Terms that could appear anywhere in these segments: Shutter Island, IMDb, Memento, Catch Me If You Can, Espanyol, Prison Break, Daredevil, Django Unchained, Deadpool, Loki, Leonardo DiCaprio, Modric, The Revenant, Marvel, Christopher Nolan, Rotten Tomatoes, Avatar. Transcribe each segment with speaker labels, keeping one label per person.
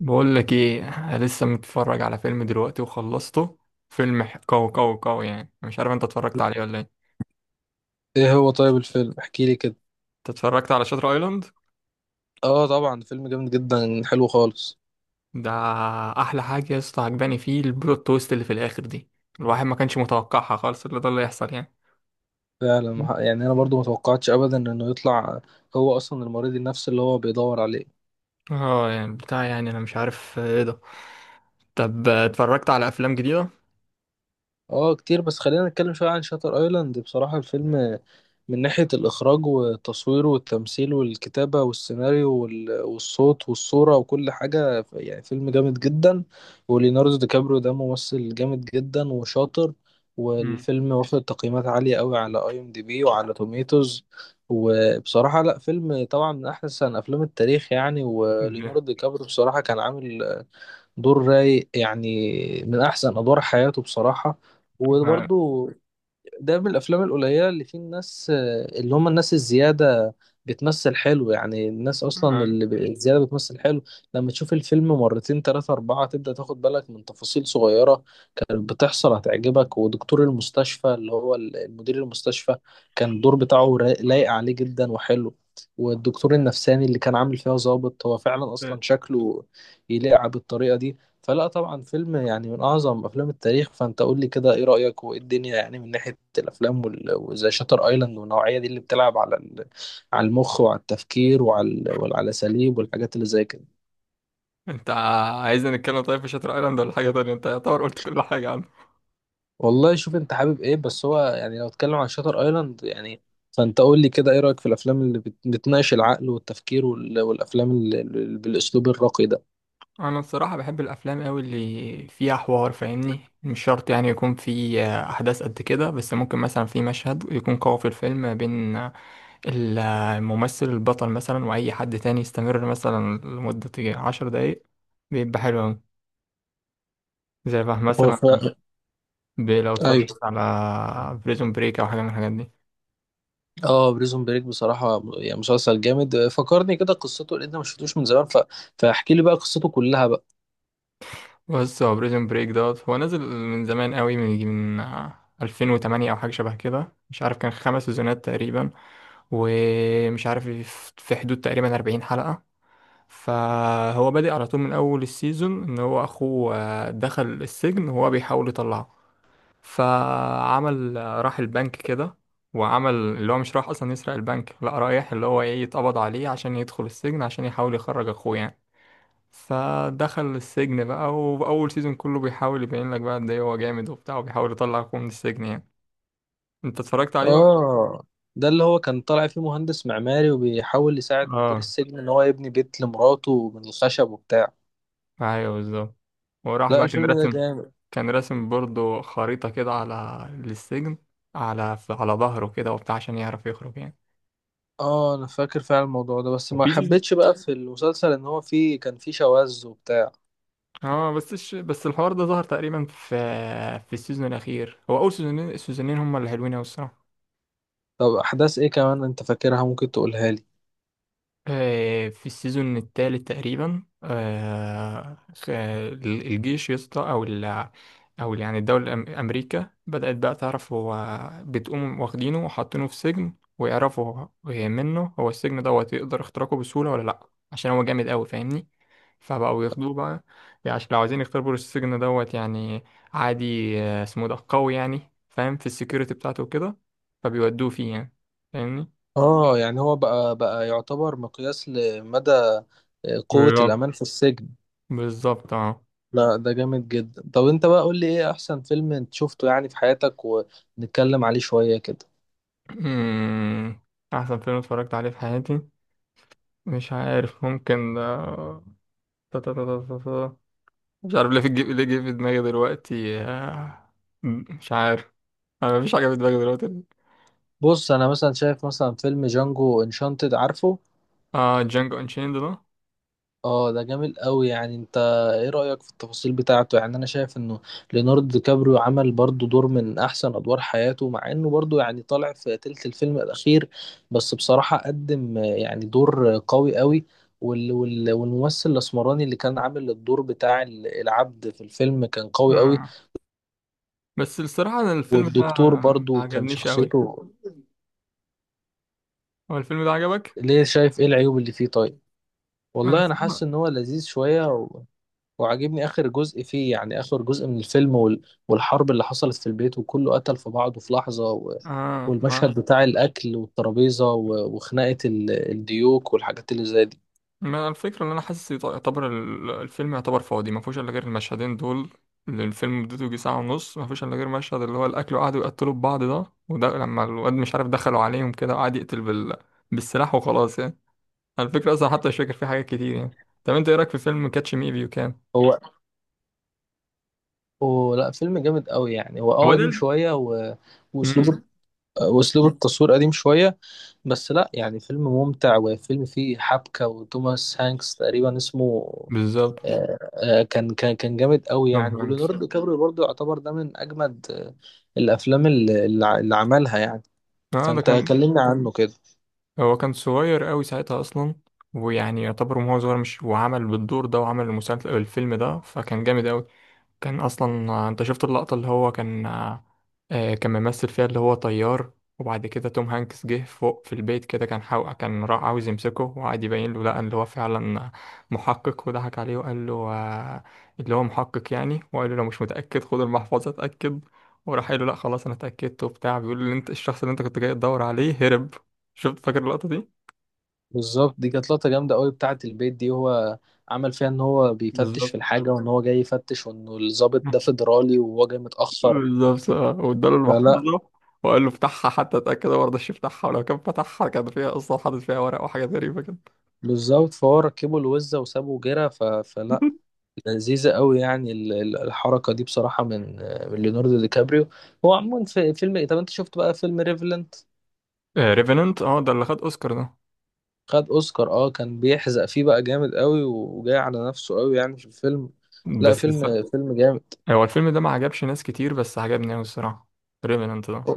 Speaker 1: بقول لك ايه. أنا لسه متفرج على فيلم دلوقتي وخلصته. فيلم قوي قوي قوي، يعني مش عارف انت اتفرجت عليه ولا ايه؟
Speaker 2: ايه هو؟ طيب الفيلم، احكي لي كده.
Speaker 1: انت اتفرجت على شاتر ايلاند
Speaker 2: اه، طبعا فيلم جامد جدا، حلو خالص.
Speaker 1: ده. احلى حاجه يا اسطى عجباني فيه البلوت تويست اللي في الاخر دي، الواحد ما كانش متوقعها خالص اللي ده اللي يحصل يعني.
Speaker 2: فعلا، يعني انا برضو ما توقعتش ابدا انه يطلع. هو اصلا المريض النفسي اللي هو بيدور عليه.
Speaker 1: اه يعني بتاع، يعني انا مش عارف، ايه ده. طب اتفرجت على افلام جديده؟
Speaker 2: اه، كتير. بس خلينا نتكلم شوية عن شاتر ايلاند. بصراحة الفيلم من ناحية الإخراج والتصوير والتمثيل والكتابة والسيناريو والصوت والصورة وكل حاجة، يعني فيلم جامد جدا. وليوناردو دي كابريو ده ممثل جامد جدا وشاطر.
Speaker 1: مم.
Speaker 2: والفيلم واخد تقييمات عالية قوي على IMDb وعلى توميتوز. وبصراحة، لا، فيلم طبعا من أحسن أفلام التاريخ يعني. وليوناردو
Speaker 1: ده-
Speaker 2: دي كابريو بصراحة كان عامل دور رايق، يعني من احسن ادوار حياته بصراحه.
Speaker 1: آه،
Speaker 2: وبرضو ده من الافلام القليله اللي فيه الناس، اللي هم الناس الزياده، بتمثل حلو. يعني الناس اصلا
Speaker 1: آه.
Speaker 2: اللي الزياده بتمثل حلو. لما تشوف الفيلم مرتين تلاتة اربعة تبدا تاخد بالك من تفاصيل صغيره كانت بتحصل، هتعجبك. ودكتور المستشفى اللي هو المدير المستشفى، كان الدور بتاعه لايق عليه جدا وحلو. والدكتور النفساني اللي كان عامل فيها ظابط، هو فعلا اصلا شكله يليق بالطريقه دي. فلا، طبعا فيلم يعني من أعظم أفلام التاريخ. فأنت قول لي كده، إيه رأيك وإيه الدنيا يعني من ناحية الأفلام، وزي شاتر أيلاند والنوعية دي اللي بتلعب على على المخ وعلى التفكير وعلى الأساليب والحاجات اللي زي كده.
Speaker 1: انت عايزنا نتكلم طيب في شاتر ايلاند ولا حاجه تانية؟ انت يعتبر قلت كل حاجه.
Speaker 2: والله شوف أنت حابب إيه؟ بس هو يعني لو اتكلم عن شاتر أيلاند يعني. فأنت قول لي كده، إيه رأيك في الأفلام اللي بتناقش العقل والتفكير والأفلام اللي بالأسلوب الراقي ده؟
Speaker 1: انا الصراحه بحب الافلام قوي اللي فيها حوار، فاهمني؟ مش شرط يعني يكون في احداث قد كده، بس ممكن مثلا في مشهد يكون قوي في الفيلم بين الممثل البطل مثلا واي حد تاني، يستمر مثلا لمده 10 دقايق، بيبقى حلو قوي. زي بقى
Speaker 2: هو
Speaker 1: مثلا، لو اتفرجت
Speaker 2: أيوه.
Speaker 1: على بريزون بريك او حاجه من الحاجات دي.
Speaker 2: اه، بريزون بريك بصراحة يعني مسلسل جامد، فكرني كده قصته لان انا ما شفتوش من زمان فاحكي لي بقى قصته كلها بقى.
Speaker 1: بص، هو بريزون بريك دوت هو نزل من زمان قوي، من يجي من 2008 او حاجه شبه كده. مش عارف، كان خمس سيزونات تقريبا، ومش عارف، في حدود تقريبا 40 حلقه. فهو بادئ على طول من اول السيزون ان هو اخوه دخل السجن وهو بيحاول يطلعه. فعمل راح البنك كده، وعمل اللي هو مش راح اصلا يسرق البنك، لا رايح اللي هو ايه يتقبض عليه عشان يدخل السجن عشان يحاول يخرج اخوه يعني. فدخل السجن بقى، وأول سيزون كله بيحاول يبين لك بقى قد إيه هو جامد وبتاع وبيحاول يطلعكم من السجن يعني. أنت اتفرجت عليه ولا؟
Speaker 2: اه، ده اللي هو كان طالع فيه مهندس معماري، وبيحاول يساعد مدير
Speaker 1: آه.
Speaker 2: السجن ان هو يبني بيت لمراته من الخشب وبتاع.
Speaker 1: أيوه بالظبط. وراح
Speaker 2: لا،
Speaker 1: بقى كان
Speaker 2: الفيلم ده
Speaker 1: راسم،
Speaker 2: جامد.
Speaker 1: كان راسم برضه خريطة كده على للسجن، على على ظهره كده وبتاع عشان يعرف يخرج يعني.
Speaker 2: اه، انا فاكر فعلا الموضوع ده، بس ما
Speaker 1: وفي سيزون،
Speaker 2: حبيتش بقى في المسلسل ان هو فيه كان فيه شواذ وبتاع.
Speaker 1: اه بس بس الحوار ده ظهر تقريبا في في السيزون الأخير. هو أول سيزونين، السيزونين هما اللي حلوين أوي الصراحة.
Speaker 2: طب احداث ايه كمان انت فاكرها؟ ممكن تقولها لي.
Speaker 1: في السيزون الثالث تقريبا، الجيش يا اسطى، او ال، او يعني الدوله امريكا بدات بقى تعرف هو بتقوم واخدينه وحاطينه في سجن ويعرفوا منه هو السجن دوت يقدر اختراقه بسهوله ولا لا، عشان هو جامد قوي فاهمني. فبقوا ياخدوه بقى، يعني عشان لو عايزين يختبروا السجن دوت يعني. عادي اسمه ده قوي يعني فاهم في السكيورتي بتاعته وكده، فبيودوه فيه يعني، فاهمني.
Speaker 2: اه، يعني هو بقى يعتبر مقياس لمدى قوة
Speaker 1: بيلعب،
Speaker 2: الأمان في السجن.
Speaker 1: بالظبط اه.
Speaker 2: لا، ده جامد جدا. طب انت بقى قول لي، ايه احسن فيلم انت شفته يعني في حياتك؟ ونتكلم عليه شوية كده.
Speaker 1: مم. أحسن فيلم اتفرجت عليه في حياتي، مش عارف، ممكن آه، تا- تا- تا- تا- تا- تا. مش عارف ليه في ليه جه في دماغي دلوقتي مش عارف، أنا مفيش حاجة في دماغي دلوقتي.
Speaker 2: بص، انا مثلا شايف مثلا فيلم جانجو انشانتد، عارفه؟
Speaker 1: اه جانجو انشيند ده،
Speaker 2: اه، ده جامد قوي يعني. انت ايه رأيك في التفاصيل بتاعته؟ يعني انا شايف انه ليوناردو دي كابريو عمل برضو دور من احسن ادوار حياته، مع انه برضو يعني طالع في تلت الفيلم الاخير. بس بصراحة قدم يعني دور قوي قوي. والممثل الاسمراني اللي كان عامل الدور بتاع العبد في الفيلم كان قوي قوي.
Speaker 1: آه. بس الصراحة أنا الفيلم ده
Speaker 2: والدكتور
Speaker 1: ما
Speaker 2: برضو كان
Speaker 1: عجبنيش أوي.
Speaker 2: شخصيته.
Speaker 1: هو الفيلم ده عجبك؟
Speaker 2: ليه؟ شايف ايه العيوب اللي فيه؟ طيب.
Speaker 1: أنا
Speaker 2: والله انا حاسس
Speaker 1: الصراحة،
Speaker 2: ان هو لذيذ شوية وعاجبني اخر جزء فيه، يعني اخر جزء من الفيلم والحرب اللي حصلت في البيت، وكله قتل في بعضه في لحظة
Speaker 1: اه
Speaker 2: والمشهد بتاع الاكل والترابيزة وخناقة الديوك والحاجات اللي زي دي.
Speaker 1: ما الفكرة ان انا حاسس يعتبر الفيلم يعتبر فاضي، ما فيهوش الا غير المشهدين دول، اللي الفيلم مدته يجي ساعة ونص ما فيهوش الا غير مشهد اللي هو الاكل وقعدوا يقتلوا في بعض ده، وده لما الواد مش عارف دخلوا عليهم كده وقعد يقتل بالسلاح وخلاص يعني. على الفكرة اصلا حتى مش فاكر فيه حاجات كتير يعني. طب انت ايه رايك في فيلم كاتش مي فيو كان؟
Speaker 2: هو هو لا، فيلم جامد قوي يعني. هو اه،
Speaker 1: هو ده
Speaker 2: قديم
Speaker 1: ال،
Speaker 2: شوية
Speaker 1: امم،
Speaker 2: واسلوب واسلوب التصوير قديم شوية. بس لا، يعني فيلم ممتع، وفيلم فيه حبكة. وتوماس هانكس تقريبا اسمه.
Speaker 1: بالظبط.
Speaker 2: كان جامد قوي
Speaker 1: توم
Speaker 2: يعني.
Speaker 1: هانكس،
Speaker 2: وليوناردو كابريو برضه يعتبر ده من أجمد الأفلام اللي عملها يعني.
Speaker 1: اه ده
Speaker 2: فأنت
Speaker 1: كان،
Speaker 2: كلمنا عنه كده.
Speaker 1: هو كان صغير قوي ساعتها اصلا، ويعني يعتبر وهو صغير مش وعمل بالدور ده وعمل المسلسل الفيلم ده فكان جامد قوي. كان اصلا انت شفت اللقطة اللي هو كان كان ممثل فيها اللي هو طيار، وبعد كده توم هانكس جه فوق في البيت كده، كان كان راح عاوز يمسكه وقعد يبين له لا اللي هو فعلا محقق وضحك عليه وقال له اللي هو محقق يعني، وقال له لو مش متأكد خد المحفظة اتأكد، وراح قال له لا خلاص انا اتأكدت وبتاع، بيقول له انت الشخص اللي انت كنت جاي تدور عليه هرب. شفت فاكر اللقطة دي؟
Speaker 2: بالظبط، دي كانت لقطة جامدة قوي بتاعة البيت دي. هو عمل فيها إن هو بيفتش في
Speaker 1: بالظبط،
Speaker 2: الحاجة، وإن هو جاي يفتش، وإنه الضابط ده فيدرالي وهو جاي متأخر.
Speaker 1: بالظبط اه، واداله المحفظة
Speaker 2: فلا.
Speaker 1: وقال له افتحها حتى اتأكد، هو مرضاش يفتحها، ولو كان فتحها كان فيها اصلا حاطط فيها ورق وحاجات غريبة كده.
Speaker 2: بالظبط، فهو ركبوا الوزة وسابوا جرة، فلا، لذيذة قوي يعني. الحركة دي بصراحة من ليوناردو دي كابريو. هو عموما في فيلم ايه، طب انت شفت بقى فيلم ريفلنت؟
Speaker 1: ريفننت، اه Revenant، ده اللي خد اوسكار ده.
Speaker 2: خد اوسكار اه، كان بيحزق فيه بقى جامد قوي، وجاي على نفسه قوي يعني في الفيلم. لا،
Speaker 1: بس بس
Speaker 2: فيلم جامد.
Speaker 1: هو الفيلم ده ما عجبش ناس كتير بس عجبني اوي الصراحة، ريفننت ده.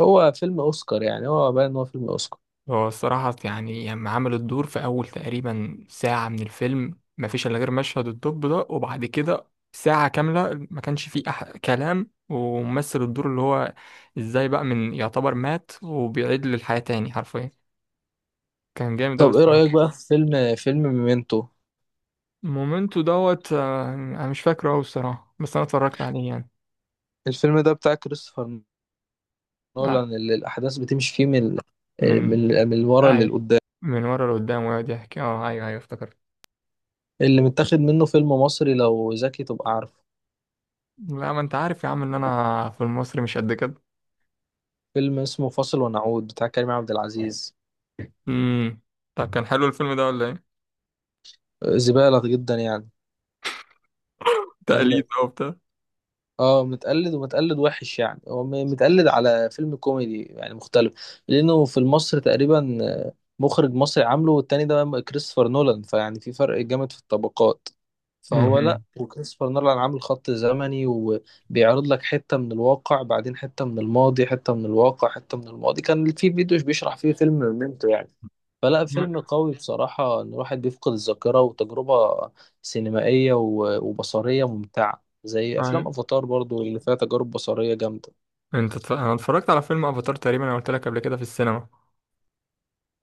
Speaker 2: هو فيلم اوسكار يعني، هو باين ان هو فيلم اوسكار.
Speaker 1: هو الصراحة يعني لما عمل الدور في أول تقريبا ساعة من الفيلم ما فيش إلا غير مشهد الدب ده، وبعد كده ساعة كاملة ما كانش فيه أح كلام وممثل الدور اللي هو إزاي بقى من يعتبر مات وبيعيد للحياة تاني حرفيا، كان جامد أوي
Speaker 2: طب ايه
Speaker 1: الصراحة.
Speaker 2: رأيك بقى في فيلم ميمنتو؟
Speaker 1: مومنتو دوت أنا مش فاكره أوي الصراحة بس أنا اتفرجت عليه يعني.
Speaker 2: الفيلم ده بتاع كريستوفر
Speaker 1: آه،
Speaker 2: نولان، اللي الاحداث بتمشي فيه من
Speaker 1: من
Speaker 2: من ورا
Speaker 1: أي،
Speaker 2: للقدام.
Speaker 1: من ورا لقدام ويقعد يحكي، أه أيوه أيوه افتكرت.
Speaker 2: اللي متاخد منه فيلم مصري، لو ذكي تبقى عارفه.
Speaker 1: لا ما أنت عارف يا عم إن أنا في المصري مش قد كده.
Speaker 2: فيلم اسمه فاصل ونعود بتاع كريم عبد العزيز.
Speaker 1: امم. طب كان حلو الفيلم ده ولا إيه؟
Speaker 2: زبالة جدا يعني. كان م-
Speaker 1: تقليد بقى وبتاع.
Speaker 2: اه، متقلد ومتقلد وحش يعني. هو متقلد على فيلم كوميدي يعني مختلف، لأنه في المصري تقريبا مخرج مصري عامله، والتاني ده كريستوفر نولان، فيعني في فرق جامد في الطبقات. فهو لا،
Speaker 1: امم.
Speaker 2: وكريستوفر نولان عامل خط زمني، وبيعرض لك حتة من الواقع بعدين حتة من الماضي، حتة من الواقع حتة من الماضي. كان في فيديو بيشرح فيه فيلم ميمتو يعني. فلا، فيلم قوي بصراحة، إن الواحد بيفقد الذاكرة، وتجربة سينمائية وبصرية ممتعة، زي أفلام
Speaker 1: أيوة.
Speaker 2: أفاتار برضو اللي فيها تجارب بصرية جامدة.
Speaker 1: أنا اتفرجت على فيلم أفاتار تقريبا، أنا قلت لك قبل كده في السينما.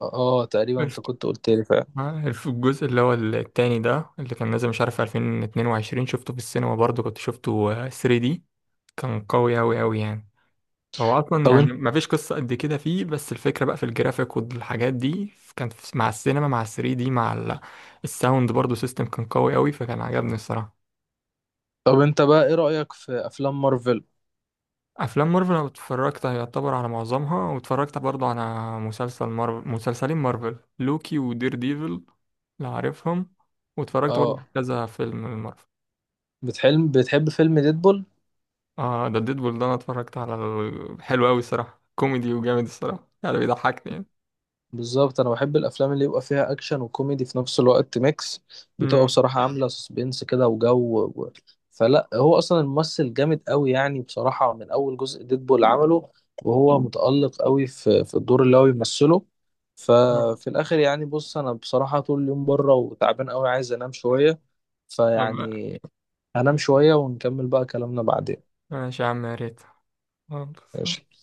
Speaker 2: آه، تقريبا
Speaker 1: بس
Speaker 2: أنت كنت قلت لي فعلا.
Speaker 1: الجزء اللي هو التاني ده اللي كان نازل مش عارف 2022 شفته في السينما برضه كنت شفته 3D، كان قوي أوي أوي يعني. هو أصلا
Speaker 2: طب
Speaker 1: يعني
Speaker 2: أنت
Speaker 1: مفيش قصة قد كده فيه، بس الفكرة بقى في الجرافيك والحاجات دي كان مع السينما مع 3D دي مع الساوند برضو سيستم كان قوي أوي، فكان عجبني الصراحة.
Speaker 2: طب أنت بقى إيه رأيك في أفلام مارفل؟
Speaker 1: أفلام مارفل أنا اتفرجت يعتبر على معظمها، واتفرجت برضو على مسلسل مارفل، مسلسلين مارفل، لوكي ودير ديفل لو عارفهم، واتفرجت برضو
Speaker 2: آه،
Speaker 1: على كذا فيلم مارفل.
Speaker 2: بتحب فيلم ديدبول؟
Speaker 1: اه ده ديدبول ده أنا اتفرجت على حلو أوي الصراحة، كوميدي وجامد الصراحة يعني بيضحكني يعني.
Speaker 2: بالظبط، انا بحب الافلام اللي يبقى فيها اكشن وكوميدي في نفس الوقت، ميكس. بتبقى بصراحه عامله سسبنس كده وجو فلا، هو اصلا الممثل جامد قوي، يعني بصراحه من اول جزء ديدبول عمله. وهو متالق قوي في الدور اللي هو بيمثله. ففي الاخر يعني، بص انا بصراحه طول اليوم بره وتعبان قوي، عايز انام شويه
Speaker 1: امم.
Speaker 2: فيعني هنام شويه ونكمل بقى كلامنا بعدين.
Speaker 1: ماشي يا عم، يا ريت. خلاص.
Speaker 2: ماشي.